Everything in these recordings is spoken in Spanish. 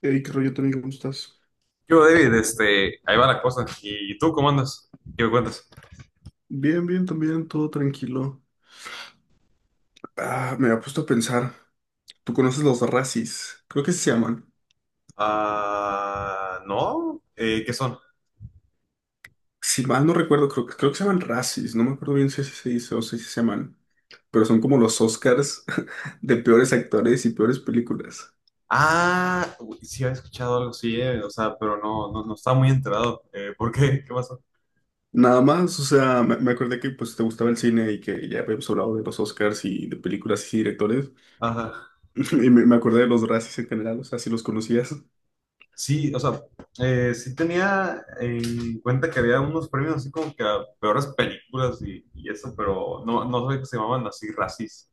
Hey, qué rollo, Tony, ¿cómo estás? Yo, David, ahí va la cosa. ¿Y tú cómo andas? ¿Qué me cuentas? Bien, bien, también, todo tranquilo. Ah, me ha puesto a pensar. ¿Tú conoces los racis? Creo que se llaman. Ah, no. ¿Qué son? Si mal no recuerdo, creo que se llaman racis. No me acuerdo bien si así se dice o si así se llaman. Pero son como los Oscars de peores actores y peores películas. Ah, uy, sí había escuchado algo, sí, o sea, pero no, no, no estaba muy enterado. ¿Por qué? ¿Qué pasó? Nada más, o sea, me acordé que pues te gustaba el cine y que ya habíamos hablado de los Oscars y de películas y directores. Ajá. Y me acordé de los racis en general, o sea, si los conocías. Sí, o sea, sí tenía en cuenta que había unos premios así como que a peores películas y eso, pero no, no sabía que se llamaban así, racis.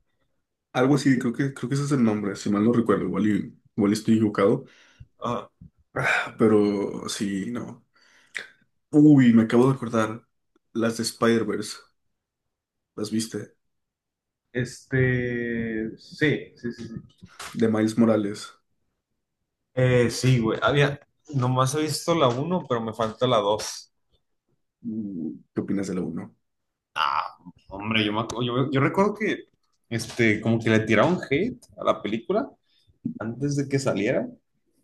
Algo así, creo que ese es el nombre, si mal no recuerdo, igual, igual estoy equivocado. Ajá. Ah, pero sí, no. Uy, me acabo de acordar. Las de Spider-Verse, ¿las viste? Sí, sí, sí, sí. De Miles Morales. Sí, güey. Nomás he visto la uno, pero me falta la dos. ¿Qué opinas de la uno? Ah, hombre, yo, me, acu- yo recuerdo que como que le tiraron hate a la película antes de que saliera.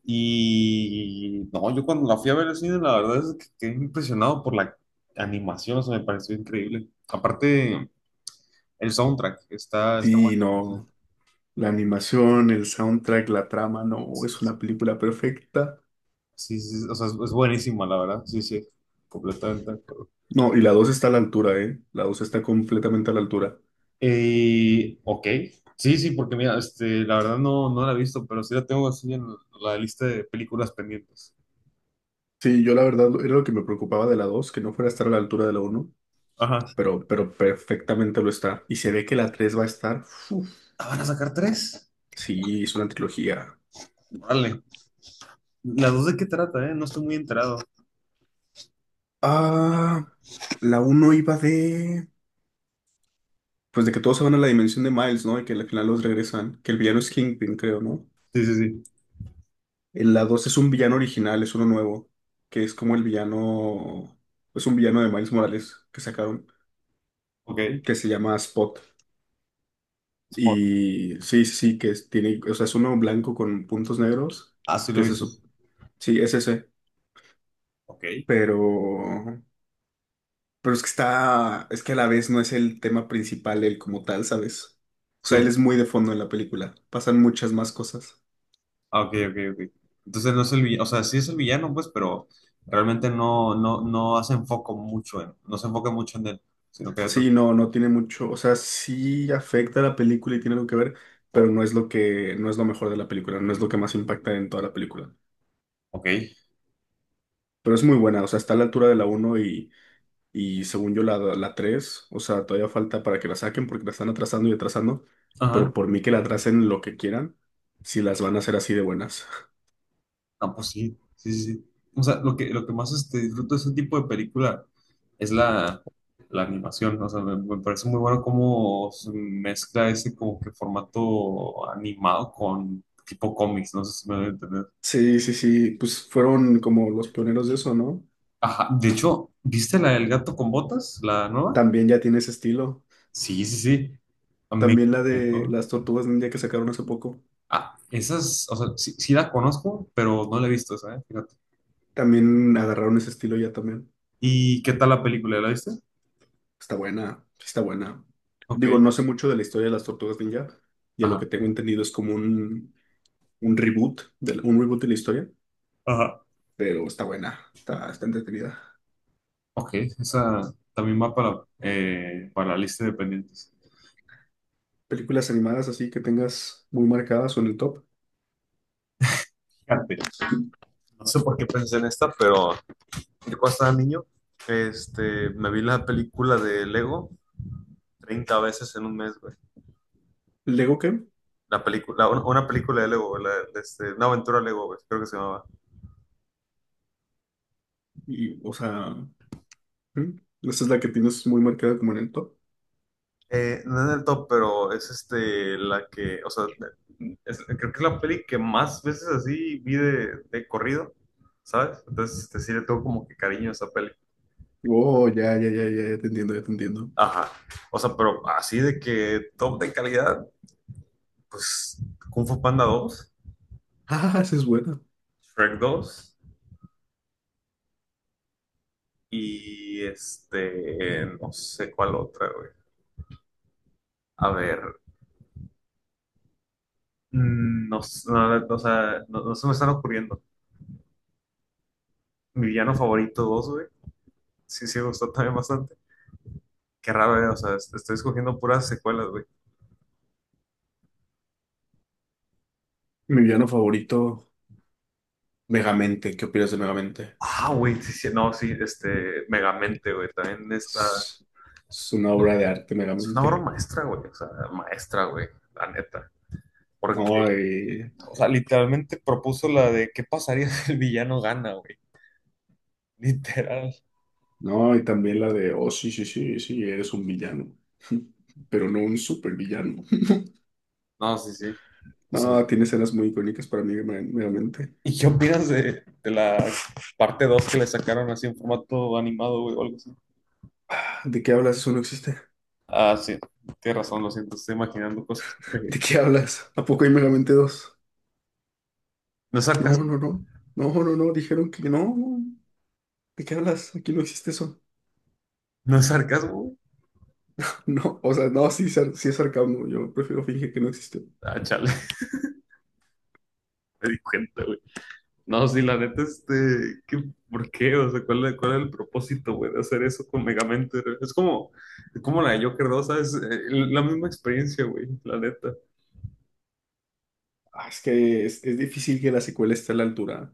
Y no, yo cuando la fui a ver al cine, la verdad es que quedé impresionado por la animación, o sea, me pareció increíble. Aparte, el soundtrack está Sí, buenísimo. no. La animación, el soundtrack, la trama, no, es Sí, una película perfecta. sí, sí, o sea, es buenísima, la verdad. Sí, sí, completamente. No, y la dos está a la altura, ¿eh? La dos está completamente a la altura. Ok, sí, sí, porque mira, la verdad no, no la he visto, pero sí la tengo así en la lista de películas pendientes. Sí, yo la verdad era lo que me preocupaba de la 2 que no fuera a estar a la altura de la uno, Ajá. pero perfectamente lo está. Y se ve que la 3 va a estar. Uf, Ah, ¿van a sacar tres? sí, es una trilogía. Órale. ¿Las dos de qué trata, eh? No estoy muy enterado. Ah, la uno iba de. Pues de que todos se van a la dimensión de Miles, ¿no? Y que al final los regresan. Que el villano es Kingpin, creo, ¿no? Sí, sí, sí. En la 2 es un villano original, es uno nuevo. Que es como el villano. Es un villano de Miles Morales que sacaron. Ok. Que se llama Spot. Spot. Y sí, sí, sí, tiene. O sea, es uno blanco con puntos negros. Ah, sí lo Que he es visto. eso. Sí, es ese. Ok. Pero. Pero es que está, es que a la vez no es el tema principal él como tal, ¿sabes? O sea, Sí. él es muy de fondo en la película. Pasan muchas más cosas. Ah, ok, ok, ok. Entonces no es el villano, o sea, sí es el villano, pues, pero realmente no, no, no hace enfoco mucho en, no se enfoca mucho en él, sino que. Sí, no, no tiene mucho, o sea, sí afecta a la película y tiene algo que ver, pero no es lo mejor de la película, no es lo que más impacta en toda la película. Ok. Pero es muy buena, o sea, está a la altura de la uno y según yo la tres, o sea, todavía falta para que la saquen porque la están atrasando y atrasando, Ajá. pero por mí que la atrasen lo que quieran, si las van a hacer así de buenas. No, pues sí, sí, sí, sí. O sea, lo que más disfruto de ese tipo de película es la animación. O sea, me parece muy bueno cómo se mezcla ese como que formato animado con tipo cómics. No sé si me voy a entender. Sí, sí, sí, pues fueron como los pioneros de eso, ¿no? Ajá, de hecho, ¿viste la del gato con botas, la nueva? También ya tiene ese estilo. Sí, sí, sí. Me También la de encantó. las tortugas ninja que sacaron hace poco. Ah, esas, o sea, sí, sí la conozco, pero no la he visto esa, ¿eh? Fíjate. También agarraron ese estilo ya también. ¿Y qué tal la película? ¿La viste? Está buena, sí está buena. Ok. Digo, no sé mucho de la historia de las tortugas ninja y a lo que Ajá. tengo entendido es como un un reboot de la historia, Ajá. pero está buena, está entretenida. Ok, esa también va para la lista de pendientes. Películas animadas así que tengas muy marcadas o en el top. Fíjate, no sé por qué pensé en esta, pero yo cuando estaba niño, me vi la película de Lego 30 veces en un mes, güey. ¿Lego qué? La película, una película de Lego, güey, una aventura Lego, güey, creo que se llamaba. Y, o sea, ¿hmm? Esa es la que tienes muy marcada como en el top. No es el top, pero es la que, o sea, creo que es la peli que más veces así vi de corrido, ¿sabes? Entonces, sí le tengo como que cariño a esa peli. Oh, ya, ya, ya, ya, ya te entiendo, ya te entiendo. Ajá. O sea, pero así de que top de calidad, pues Kung Fu Panda dos, Ah, esa es buena. Shrek dos, y no sé cuál otra, güey. A ver, no, no, o sea, no, no se me están ocurriendo. Mi villano favorito dos, güey. Sí, sí, me gustó también bastante. Qué raro, güey. O sea, estoy escogiendo puras secuelas, güey. Mi villano favorito, Megamente. ¿Qué opinas de Megamente? Ah, güey, sí, sí, no, sí, Megamente, güey. También está. Es es una obra de arte, Es una obra Megamente. maestra, güey. O sea, maestra, güey. La neta. Porque No, y, O sea, literalmente propuso la de qué pasaría si el villano gana, güey. Literal. no, y también la de, oh, sí, sí, sí, sí, eres un villano. Pero no un supervillano. No, sí, sí. O sea, No, tiene escenas muy icónicas para mí, Megamente. ¿y qué opinas de la parte 2 que le sacaron así en formato animado, güey, o algo así? Ah, ¿De qué hablas? Eso no existe. Ah, sí, tienes razón, lo siento, estoy imaginando cosas. ¿De Eh, qué hablas? ¿A poco hay Megamente dos? ¿No es No, no, sarcasmo? no. No, no, no. Dijeron que no. ¿De qué hablas? Aquí no existe eso. ¿No es sarcasmo, güey? No, o sea, no, sí, sí es sarcasmo. Yo prefiero fingir que no existe. Ah, chale, me di cuenta, güey. No, sí, la neta, ¿qué, por qué? O sea, ¿cuál era el propósito, güey, de hacer eso con Megamente? es como, la de Joker 2, ¿sabes? La misma experiencia, güey, la neta. Ah, es que es difícil que la secuela esté a la altura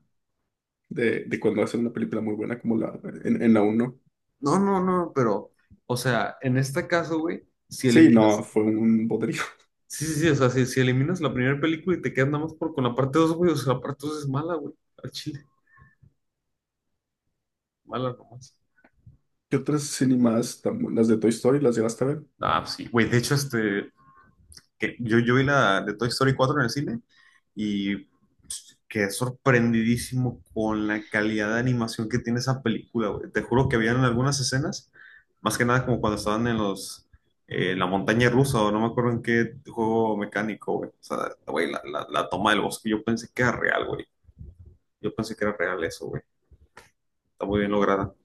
de cuando hacen una película muy buena como la en la uno. No, no, no, pero, o sea, en este caso, güey, si Sí, no, eliminas, fue un bodrio. sí, sí, sí, o sea, si eliminas la primera película y te quedas nada más con la parte 2, güey, o sea, la parte 2 es mala, güey, al chile, mala nomás. ¿Qué otras animadas están buenas? Las de Toy Story, las llegaste a ver. Ah, pues sí, güey, de hecho, que yo vi la de Toy Story 4 en el cine y quedé sorprendidísimo con la calidad de animación que tiene esa película, güey. Te juro que habían algunas escenas, más que nada como cuando estaban en los, la montaña rusa o no me acuerdo en qué juego mecánico, güey. O sea, güey, la toma del bosque, yo pensé que era real, güey. Yo pensé que era real eso, güey. Está muy bien lograda.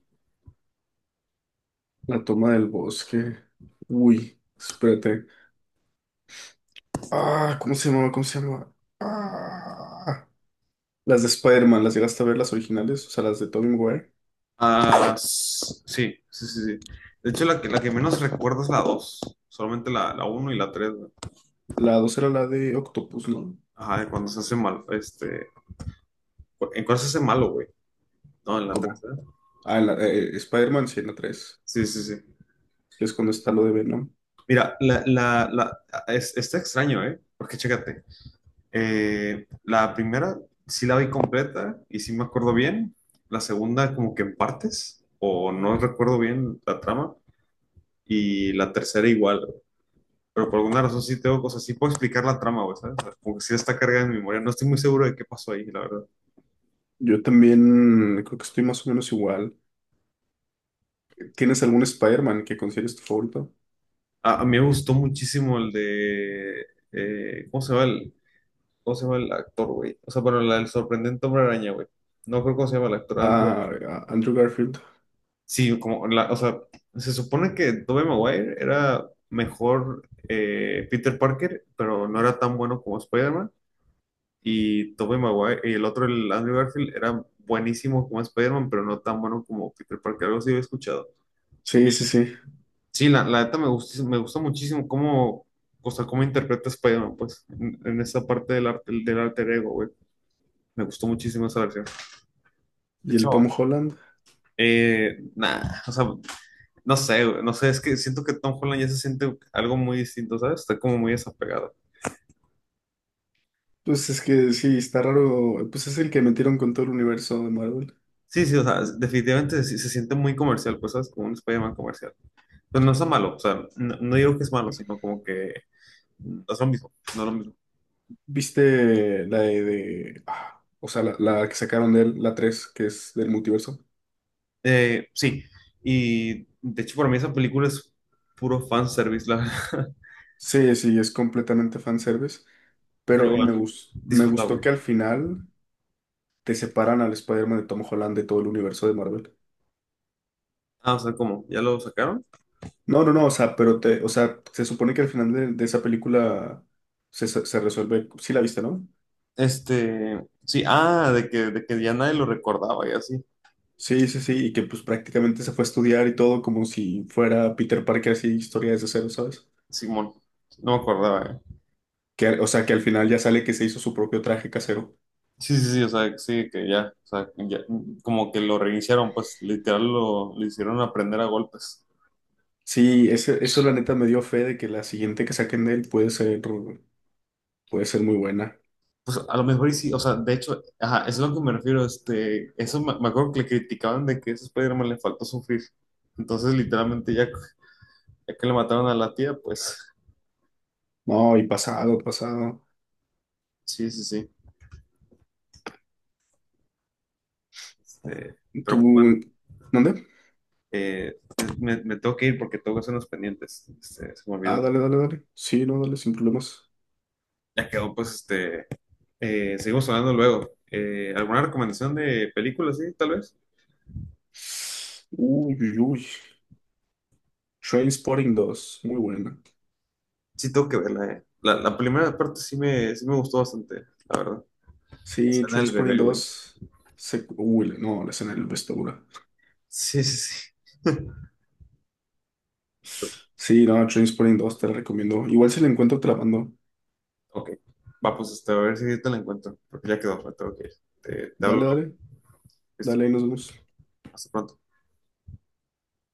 La toma del bosque. Uy, espérate. Ah, ¿cómo se llamaba? ¿Cómo se llamaba? Ah, las de Spider-Man, las llegaste a ver, las originales, o sea, las de Tobey Maguire. Ah, sí, sí, sí, sí. De hecho, la que menos recuerdo es la dos, solamente la uno y la tres. La 2 era la de Octopus, ¿no? Ajá, de cuando se hace mal, ¿en cuál se hace malo, güey? No, en la ¿Cómo? tercera. Ah, Spider-Man, sí, en la 3. Sí, sí, sí. Que es cuando está lo de Venom. Mira, está extraño, ¿eh? Porque chécate, la primera sí la vi completa y sí me acuerdo bien, la segunda como que en partes, o no recuerdo bien la trama, y la tercera igual, güey. Pero por alguna razón sí tengo cosas, sí puedo explicar la trama, güey, ¿sabes? O sea, como que sí está cargada en mi memoria, no estoy muy seguro de qué pasó ahí, la verdad. Yo también creo que estoy más o menos igual. ¿Tienes algún Spider-Man que consideres tu favorito? A mí me gustó muchísimo el ¿cómo se llama? ¿Cómo se llama el actor, güey? O sea, bueno, el sorprendente hombre araña, güey. No creo cómo se llama el actor. Andrew-. Ah, Andrew Garfield. Sí, como la, o sea, se supone que Tobey Maguire era mejor, Peter Parker, pero no era tan bueno como Spider-Man. Y Tobey Maguire, y el otro, el Andrew Garfield, era buenísimo como Spider-Man, pero no tan bueno como Peter Parker. Algo así había escuchado. Y Sí, sí, sí. sí, la neta me gusta, muchísimo cómo, o sea, cómo interpreta Spider-Man, pues, en esa parte del arte, del alter ego, güey. Me gustó muchísimo esa versión. De ¿Y el Tom hecho, Holland? nah, o sea, no sé, güey, no sé, es que siento que Tom Holland ya se siente algo muy distinto, ¿sabes? Está como muy desapegado. Pues es que sí, está raro. Pues es el que metieron con todo el universo de Marvel. Sí, sí, o sea, definitivamente se siente muy comercial, pues, ¿sabes? Como un Spider-Man comercial. Pero no está malo, o sea, no, no digo que es malo, sino como que no es lo mismo, no es lo mismo. ¿Viste o sea, la que sacaron de él, la 3 que es del multiverso? Sí, y de hecho para mí esa película es puro fanservice, la verdad. Sí, sí, es completamente fanservice. Pero Pero igual, me gustó disfrutable. que al final te separan al Spider-Man de Tom Holland de todo el universo de Marvel. Ah, o sea, ¿cómo? ¿Ya lo sacaron? No, no, no, o sea, o sea, se supone que al final de esa película se resuelve, sí la viste, ¿no? Sí, ah, de que ya nadie lo recordaba y así. Sí, sí, sí, y que pues prácticamente se fue a estudiar y todo como si fuera Peter Parker así, historia desde cero, ¿sabes? Simón, no me acordaba, eh. Que, o sea, que al final ya sale que se hizo su propio traje casero. Sí, sí, sí, o sea, sí, que ya, o sea, ya, como que lo reiniciaron, pues literal lo hicieron aprender a golpes. Sí, eso la neta me dio fe de que la siguiente que saquen de él puede ser muy buena. Pues a lo mejor y sí, o sea, de hecho, ajá, eso es a lo que me refiero, eso me acuerdo que le criticaban de que a ese Spider-Man le faltó sufrir. Entonces, literalmente, ya que le mataron a la tía, pues, No, y pasado, pasado. sí, sí, sí. Este, pero pues, bueno, ¿Tú, dónde? eh, me tengo que ir porque tengo que hacer unos pendientes, se me Ah, olvidó. dale, dale, dale. Sí, no, dale, sin problemas. Ya quedó, pues, seguimos hablando luego. ¿Alguna recomendación de película, sí, tal vez? Uy, uy, uy. Trainspotting dos, muy buena. Sí, tengo que verla, eh. La primera parte sí me gustó bastante, la verdad. La Sí, escena del Trainspotting bebé, güey. dos uy, no, la escena del vestidura. Sí, sí, sí. Sí, no, Trainspotting dos te la recomiendo. Igual si la encuentro, te. Ok. Va, pues a ver si te la encuentro, porque ya quedó, me tengo que ir. Te hablo Dale, luego. dale, Listo. dale, ahí nos vemos. Hasta pronto.